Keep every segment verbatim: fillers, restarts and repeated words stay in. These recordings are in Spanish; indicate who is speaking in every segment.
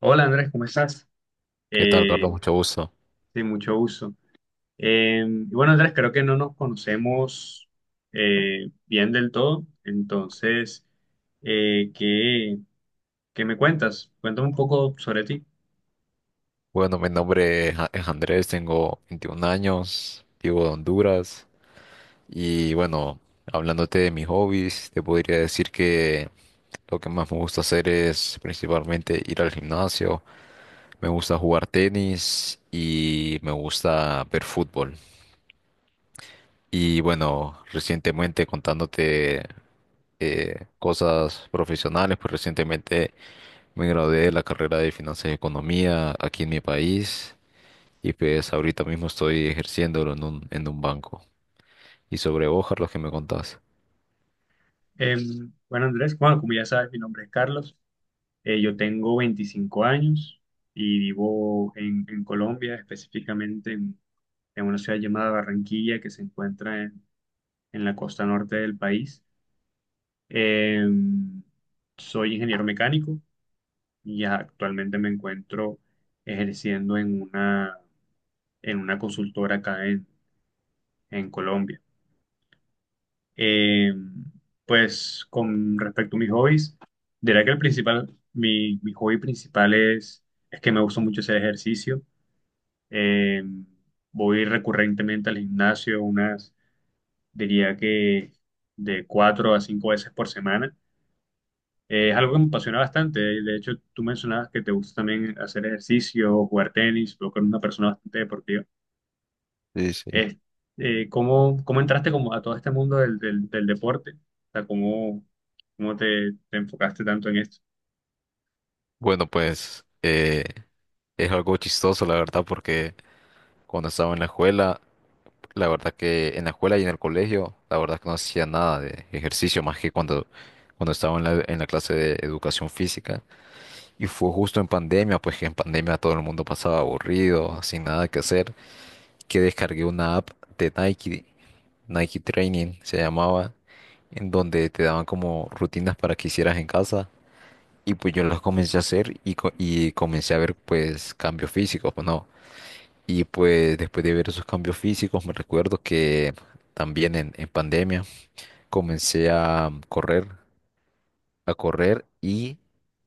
Speaker 1: Hola Andrés, ¿cómo estás?
Speaker 2: ¿Qué tal,
Speaker 1: Eh,
Speaker 2: Carlos? Mucho gusto.
Speaker 1: sí, mucho gusto. Eh, y bueno Andrés, creo que no nos conocemos eh, bien del todo, entonces, eh, ¿qué, qué me cuentas? Cuéntame un poco sobre ti.
Speaker 2: Bueno, mi nombre es A- es Andrés, tengo veintiún años, vivo de Honduras y bueno, hablándote de mis hobbies, te podría decir que lo que más me gusta hacer es principalmente ir al gimnasio, me gusta jugar tenis y me gusta ver fútbol. Y bueno, recientemente contándote eh, cosas profesionales, pues recientemente me gradué de la carrera de Finanzas y Economía aquí en mi país. Y pues ahorita mismo estoy ejerciéndolo en un, en un banco. Y sobre vos, Carlos, que me contás?
Speaker 1: Eh, bueno Andrés, bueno, como ya sabes, mi nombre es Carlos. Eh, yo tengo veinticinco años y vivo en, en Colombia, específicamente en, en una ciudad llamada Barranquilla que se encuentra en en la costa norte del país. Eh, Soy ingeniero mecánico y actualmente me encuentro ejerciendo en una, en una consultora acá en, en Colombia. Eh, pues con respecto a mis hobbies, diría que el principal, mi, mi hobby principal es, es que me gusta mucho hacer ejercicio. Eh, Voy recurrentemente al gimnasio unas, diría que de cuatro a cinco veces por semana. Eh, es algo que me apasiona bastante. De hecho, tú mencionabas que te gusta también hacer ejercicio, jugar tenis, tú que eres una persona bastante deportiva.
Speaker 2: Sí, sí.
Speaker 1: Es eh, ¿cómo, cómo entraste como a todo este mundo del, del, del deporte? O sea, ¿cómo, cómo te, te enfocaste tanto en esto?
Speaker 2: Bueno, pues eh, es algo chistoso, la verdad, porque cuando estaba en la escuela, la verdad que en la escuela y en el colegio, la verdad que no hacía nada de ejercicio más que cuando, cuando estaba en la, en la clase de educación física. Y fue justo en pandemia, pues que en pandemia todo el mundo pasaba aburrido, sin nada que hacer, que descargué una app de Nike, Nike Training se llamaba, en donde te daban como rutinas para que hicieras en casa. Y pues yo las comencé a hacer y, co- y comencé a ver pues cambios físicos, pues no. Y pues después de ver esos cambios físicos, me recuerdo que también en, en pandemia comencé a correr, a correr y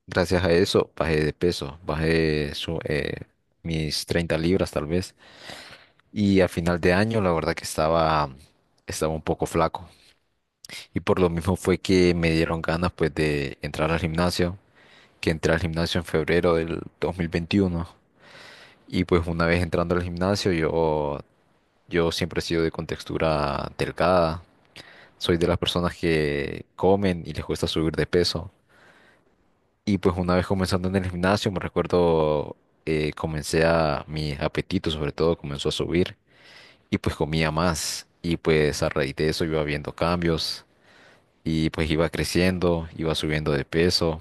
Speaker 2: gracias a eso bajé de peso, bajé su- eh, mis treinta libras tal vez. Y a final de año, la verdad que estaba, estaba un poco flaco. Y por lo mismo fue que me dieron ganas pues de entrar al gimnasio, que entré al gimnasio en febrero del dos mil veintiuno. Y pues una vez entrando al gimnasio, yo, yo siempre he sido de contextura delgada. Soy de las personas que comen y les cuesta subir de peso. Y pues una vez comenzando en el gimnasio, me recuerdo, eh, comencé a, mi apetito sobre todo comenzó a subir. Y pues comía más. Y pues a raíz de eso iba viendo cambios y pues iba creciendo, iba subiendo de peso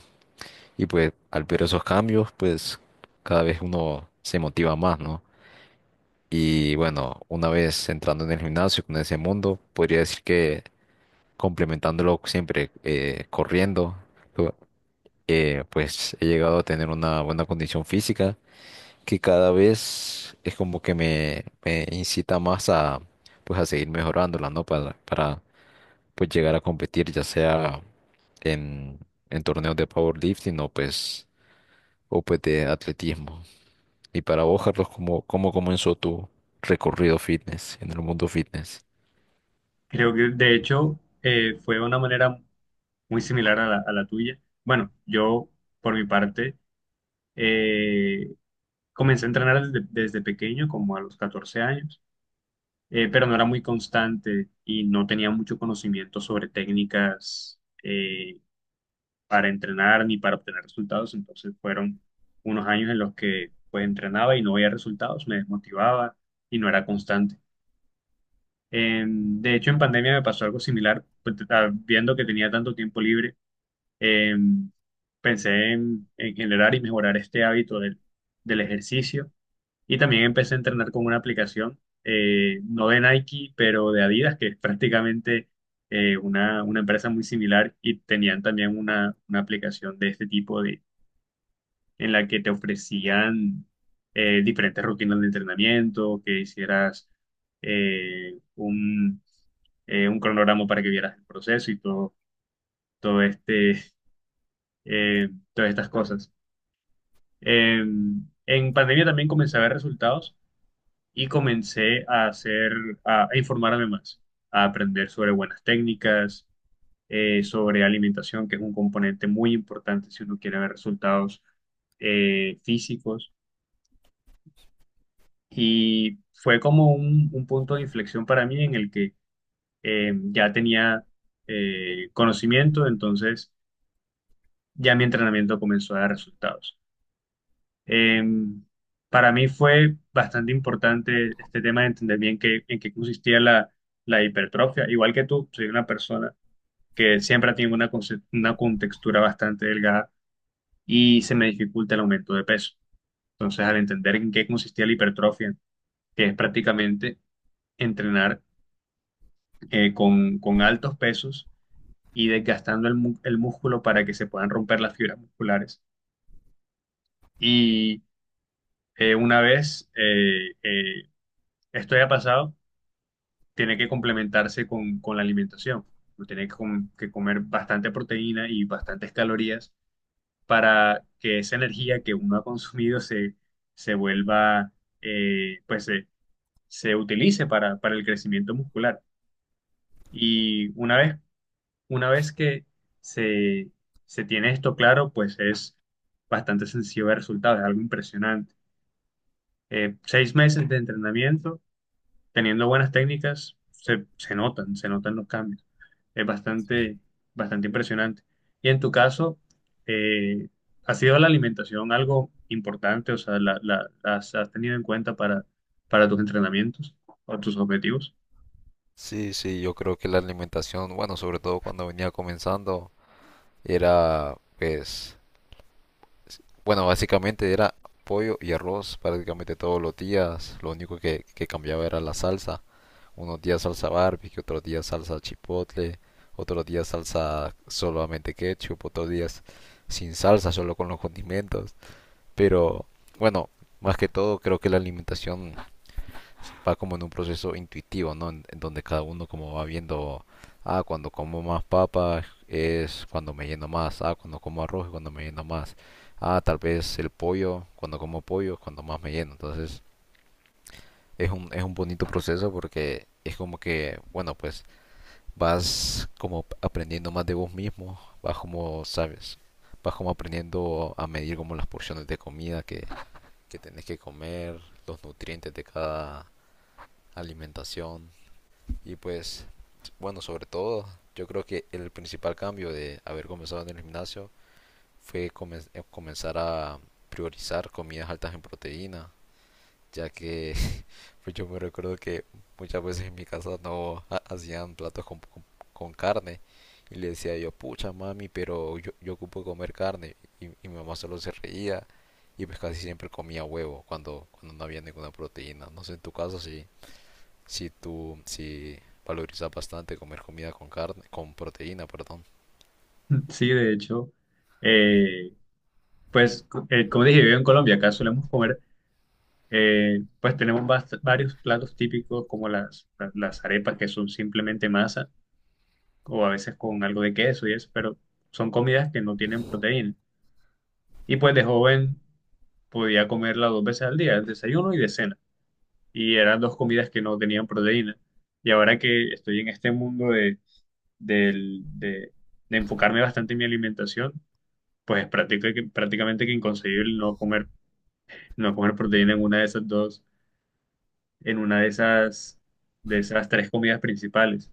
Speaker 2: y pues al ver esos cambios pues cada vez uno se motiva más, ¿no? Y bueno, una vez entrando en el gimnasio con ese mundo, podría decir que complementándolo siempre eh, corriendo, lo- eh, pues he llegado a tener una buena condición física que cada vez es como que me, me incita más a pues a seguir mejorándola, ¿no? Para, para pues llegar a competir, ya sea en, en torneos de powerlifting o pues, o pues de atletismo. Y para vos, Carlos, ¿cómo, ¿cómo comenzó tu recorrido fitness en el mundo fitness?
Speaker 1: Creo que, de hecho, eh, fue una manera muy similar a la, a la tuya. Bueno, yo, por mi parte, eh, comencé a entrenar desde, desde pequeño, como a los catorce años. Eh, pero no era muy constante y no tenía mucho conocimiento sobre técnicas eh, para entrenar ni para obtener resultados. Entonces fueron unos años en los que pues entrenaba y no veía resultados, me desmotivaba y no era constante. En- de hecho, en pandemia me pasó algo similar, pues, t- ah, viendo que tenía tanto tiempo libre, em, pensé en, en generar y mejorar este hábito del, del ejercicio y también empecé a entrenar con una aplicación, eh, no de Nike, pero de Adidas, que es prácticamente eh, una, una empresa muy similar y tenían también una, una aplicación de este tipo de, en la que te ofrecían eh, diferentes rutinas de entrenamiento, que hicieras eh, un, eh, un cronograma para que vieras el proceso y todo, todo este, eh, todas estas cosas. Eh, en pandemia también comencé a ver resultados y comencé a hacer, a, a informarme más, a aprender sobre buenas técnicas, eh, sobre alimentación, que es un componente muy importante si uno quiere ver resultados eh, físicos. Y fue como un, un punto de inflexión para mí en el que eh, ya tenía eh, conocimiento, entonces ya mi entrenamiento comenzó a dar resultados. Eh, para mí fue bastante importante este tema de entender bien qué, en qué consistía la, la hipertrofia. Igual que tú, soy una persona que siempre ha tenido una, conce- una contextura bastante delgada y se me dificulta el aumento de peso. Entonces, al entender en qué consistía la hipertrofia, que es prácticamente entrenar eh, con, con altos pesos y desgastando el, mu- el músculo para que se puedan romper las fibras musculares. Y eh, una vez eh, eh, esto haya pasado, tiene que complementarse con, con la alimentación. Uno tiene que, com- que comer bastante proteína y bastantes calorías para que esa energía que uno ha consumido se, se vuelva, eh, pues se, se utilice para, para el crecimiento muscular. Y una vez, una vez que se, se tiene esto claro, pues es bastante sencillo ver resultados, es algo impresionante. Eh, seis meses de entrenamiento, teniendo buenas técnicas, se, se notan, se notan los cambios. Es
Speaker 2: Sí.
Speaker 1: bastante, bastante impresionante. Y en tu caso, eh, ¿ha sido la alimentación algo importante? O sea, ¿la, la- las has tenido en cuenta para, para tus entrenamientos o tus objetivos?
Speaker 2: Sí, sí, yo creo que la alimentación, bueno, sobre todo cuando venía comenzando, era pues, bueno, básicamente era pollo y arroz prácticamente todos los días. Lo único que, que cambiaba era la salsa. Unos días salsa barbecue, otros días salsa chipotle, otros días salsa solamente ketchup, otros días sin salsa, solo con los condimentos. Pero bueno, más que todo creo que la alimentación va como en un proceso intuitivo, ¿no? En, en donde cada uno como va viendo, ah, cuando como más papas es cuando me lleno más, ah, cuando como arroz es cuando me lleno más, ah, tal vez el pollo, cuando como pollo es cuando más me lleno. Entonces es un, es un bonito proceso porque es como que, bueno, pues vas como aprendiendo más de vos mismo, vas como, sabes, vas como aprendiendo a medir como las porciones de comida que, que tenés que comer, los nutrientes de cada alimentación. Y pues, bueno, sobre todo, yo creo que el principal cambio de haber comenzado en el gimnasio fue comen- eh, comenzar a priorizar comidas altas en proteína, ya que pues yo me recuerdo que muchas veces en mi casa no ha- hacían platos con, con- con carne y le decía yo, pucha mami, pero yo, yo ocupo comer carne y, y mi mamá solo se reía y pues casi siempre comía huevo cuando, cuando no había ninguna proteína. No sé, en tu caso sí, si tú, si valorizas bastante comer comida con carne, con proteína, perdón.
Speaker 1: Sí, de hecho, eh, pues co- eh, como dije, vivo en Colombia, acá solemos comer, eh, pues tenemos bast- varios platos típicos como las, la- las arepas que son simplemente masa o a veces con algo de queso y eso, pero son comidas que no tienen proteína. Y pues de joven podía comerla dos veces al día, el desayuno y de cena. Y eran dos comidas que no tenían proteína. Y ahora que estoy en este mundo de, del- de, de enfocarme bastante en mi alimentación, pues es práctica- que- prácticamente que inconcebible no comer, no comer proteína en una de esas dos, en una de esas, de esas tres comidas principales.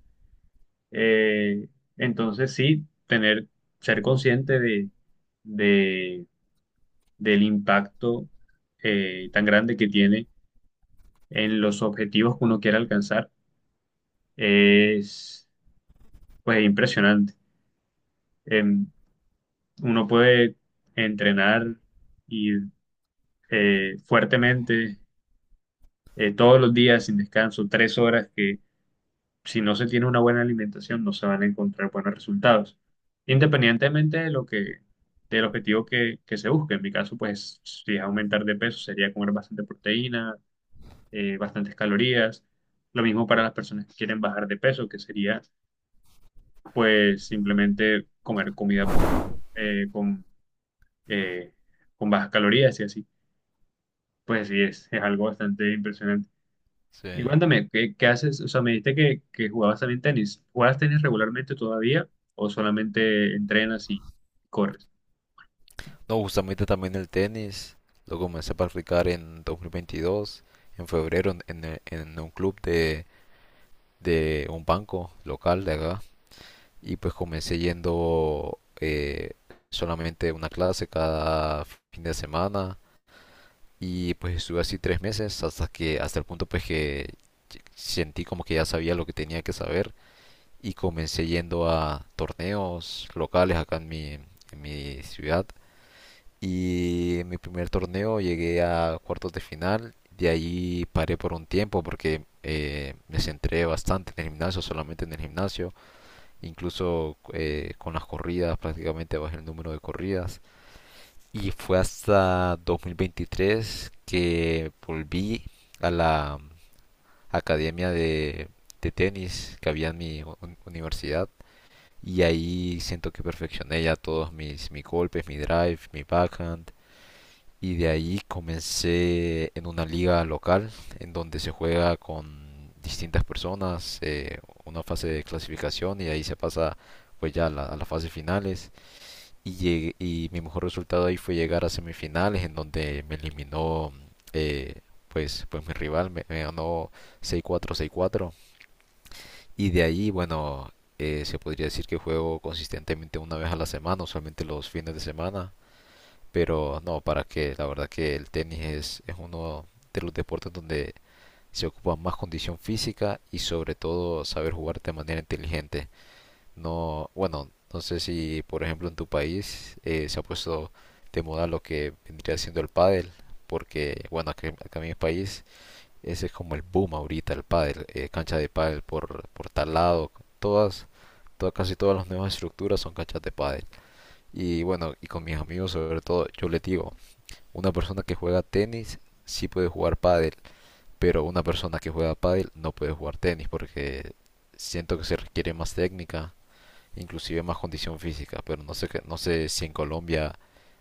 Speaker 1: Eh, entonces sí, tener, ser consciente de, de, del impacto eh, tan grande que tiene en los objetivos que uno quiere alcanzar es pues impresionante. Em, Uno puede entrenar y eh, fuertemente eh, todos los días sin descanso, tres horas, que si no se tiene una buena alimentación no se van a encontrar buenos resultados, independientemente de lo que del objetivo que, que se busque. En mi caso, pues si es aumentar de peso sería comer bastante proteína, eh, bastantes calorías. Lo mismo para las personas que quieren bajar de peso, que sería pues simplemente comer comida eh, con, eh, con bajas calorías y así. Pues sí, es, es algo bastante impresionante.
Speaker 2: Sí.
Speaker 1: Y cuéntame, ¿qué, qué haces? O sea, me dijiste que, que jugabas también tenis. ¿Juegas tenis regularmente todavía o solamente entrenas y corres?
Speaker 2: No, justamente también el tenis, lo comencé a practicar en dos mil veintidós, en febrero, en, en- en un club de, de un banco local de acá. Y pues comencé yendo eh, solamente una clase cada fin de semana. Y pues estuve así tres meses hasta que, hasta el punto pues que sentí como que ya sabía lo que tenía que saber y comencé yendo a torneos locales acá en mi, en mi ciudad. Y en mi primer torneo llegué a cuartos de final. De ahí paré por un tiempo porque eh, me centré bastante en el gimnasio, solamente en el gimnasio. Incluso eh, con las corridas prácticamente bajé el número de corridas. Y fue hasta dos mil veintitrés que volví a la academia de, de tenis que había en mi u- universidad y ahí siento que perfeccioné ya todos mis, mis golpes, mi drive, mi backhand. Y de ahí comencé en una liga local en donde se juega con distintas personas, eh, una fase de clasificación y ahí se pasa pues ya a, la- a las fases finales. Y, llegué- y mi mejor resultado ahí fue llegar a semifinales en donde me eliminó eh, pues, pues mi rival, me, me ganó seis cuatro, seis cuatro. Y de ahí, bueno, eh, se podría decir que juego consistentemente una vez a la semana, usualmente los fines de semana. Pero no, para qué, la verdad que el tenis es, es uno de los deportes donde se ocupa más condición física y sobre todo saber jugar de manera inteligente. No, bueno, no sé si por ejemplo en tu país eh, se ha puesto de moda lo que vendría siendo el pádel, porque bueno, acá, acá en mi país ese es como el boom ahorita, el pádel, eh, cancha de pádel por, por tal lado, todas, todas, casi todas las nuevas estructuras son canchas de pádel. Y bueno, y con mis amigos sobre todo, yo les digo, una persona que juega tenis sí puede jugar pádel, pero una persona que juega pádel no puede jugar tenis porque siento que se requiere más técnica, inclusive más condición física, pero no sé, no sé si en Colombia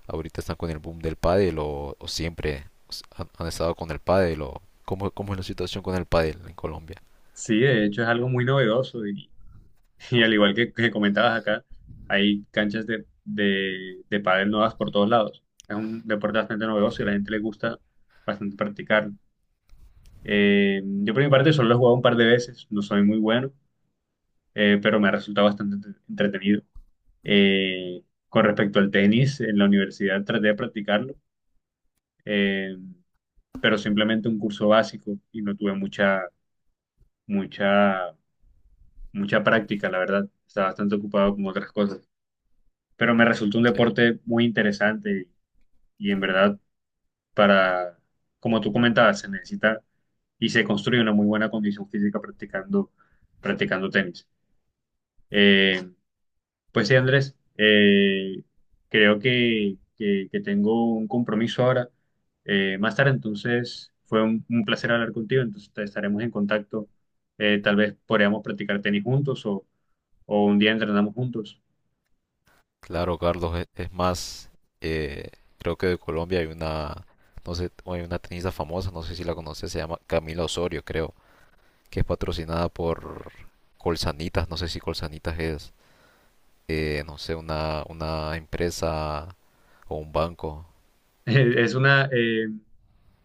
Speaker 2: ahorita están con el boom del pádel o, o siempre han, han estado con el pádel o cómo, cómo es la situación con el pádel en Colombia.
Speaker 1: Sí, de hecho es algo muy novedoso y, y al igual que, que comentabas acá, hay canchas de, de, de pádel nuevas por todos lados. Es un deporte bastante novedoso y a la gente le gusta bastante practicarlo. Eh, yo por mi parte solo lo he jugado un par de veces, no soy muy bueno, eh, pero me ha resultado bastante entre- entretenido. Eh, con respecto al tenis, en la universidad traté de practicarlo, eh, pero simplemente un curso básico y no tuve mucha, mucha, mucha práctica, la verdad. Estaba bastante ocupado con otras cosas, pero me resultó un
Speaker 2: Sí.
Speaker 1: deporte muy interesante y, en verdad para, como tú comentabas, se necesita y se construye una muy buena condición física practicando, practicando tenis. Eh, pues sí, Andrés, eh, creo que, que- que tengo un compromiso ahora eh, más tarde, entonces fue un, un placer hablar contigo, entonces te- estaremos en contacto. Eh, tal vez podríamos practicar tenis juntos o, o un día entrenamos juntos.
Speaker 2: Claro, Carlos, es, es más, eh, creo que de Colombia hay una, no sé, hay una tenista famosa, no sé si la conoces, se llama Camila Osorio, creo, que es patrocinada por Colsanitas, no sé si Colsanitas es, eh, no sé, una, una empresa o un banco.
Speaker 1: Es una, eh,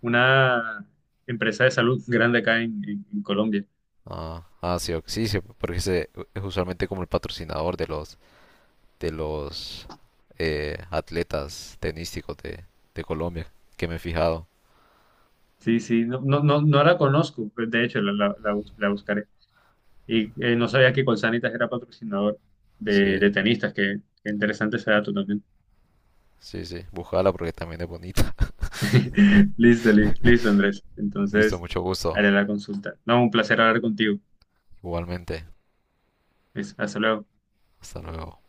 Speaker 1: una empresa de salud grande acá en, en- en Colombia.
Speaker 2: Ah, ah, sí, ok, sí, sí, porque ese es usualmente como el patrocinador de los, de los, eh, atletas tenísticos de, de Colombia, que me he fijado.
Speaker 1: Sí, sí, no, no, no, no la conozco, de hecho la, la, la bus- la buscaré. Y eh, no sabía que Colsanitas era patrocinador
Speaker 2: Sí,
Speaker 1: de, de tenistas, que, que interesante ese dato también.
Speaker 2: sí, sí, búscala porque también es bonita.
Speaker 1: Listo, li- listo, Andrés.
Speaker 2: Listo,
Speaker 1: Entonces,
Speaker 2: mucho gusto.
Speaker 1: haré la consulta. No, un placer hablar contigo.
Speaker 2: Igualmente.
Speaker 1: Es- Hasta luego.
Speaker 2: Hasta luego.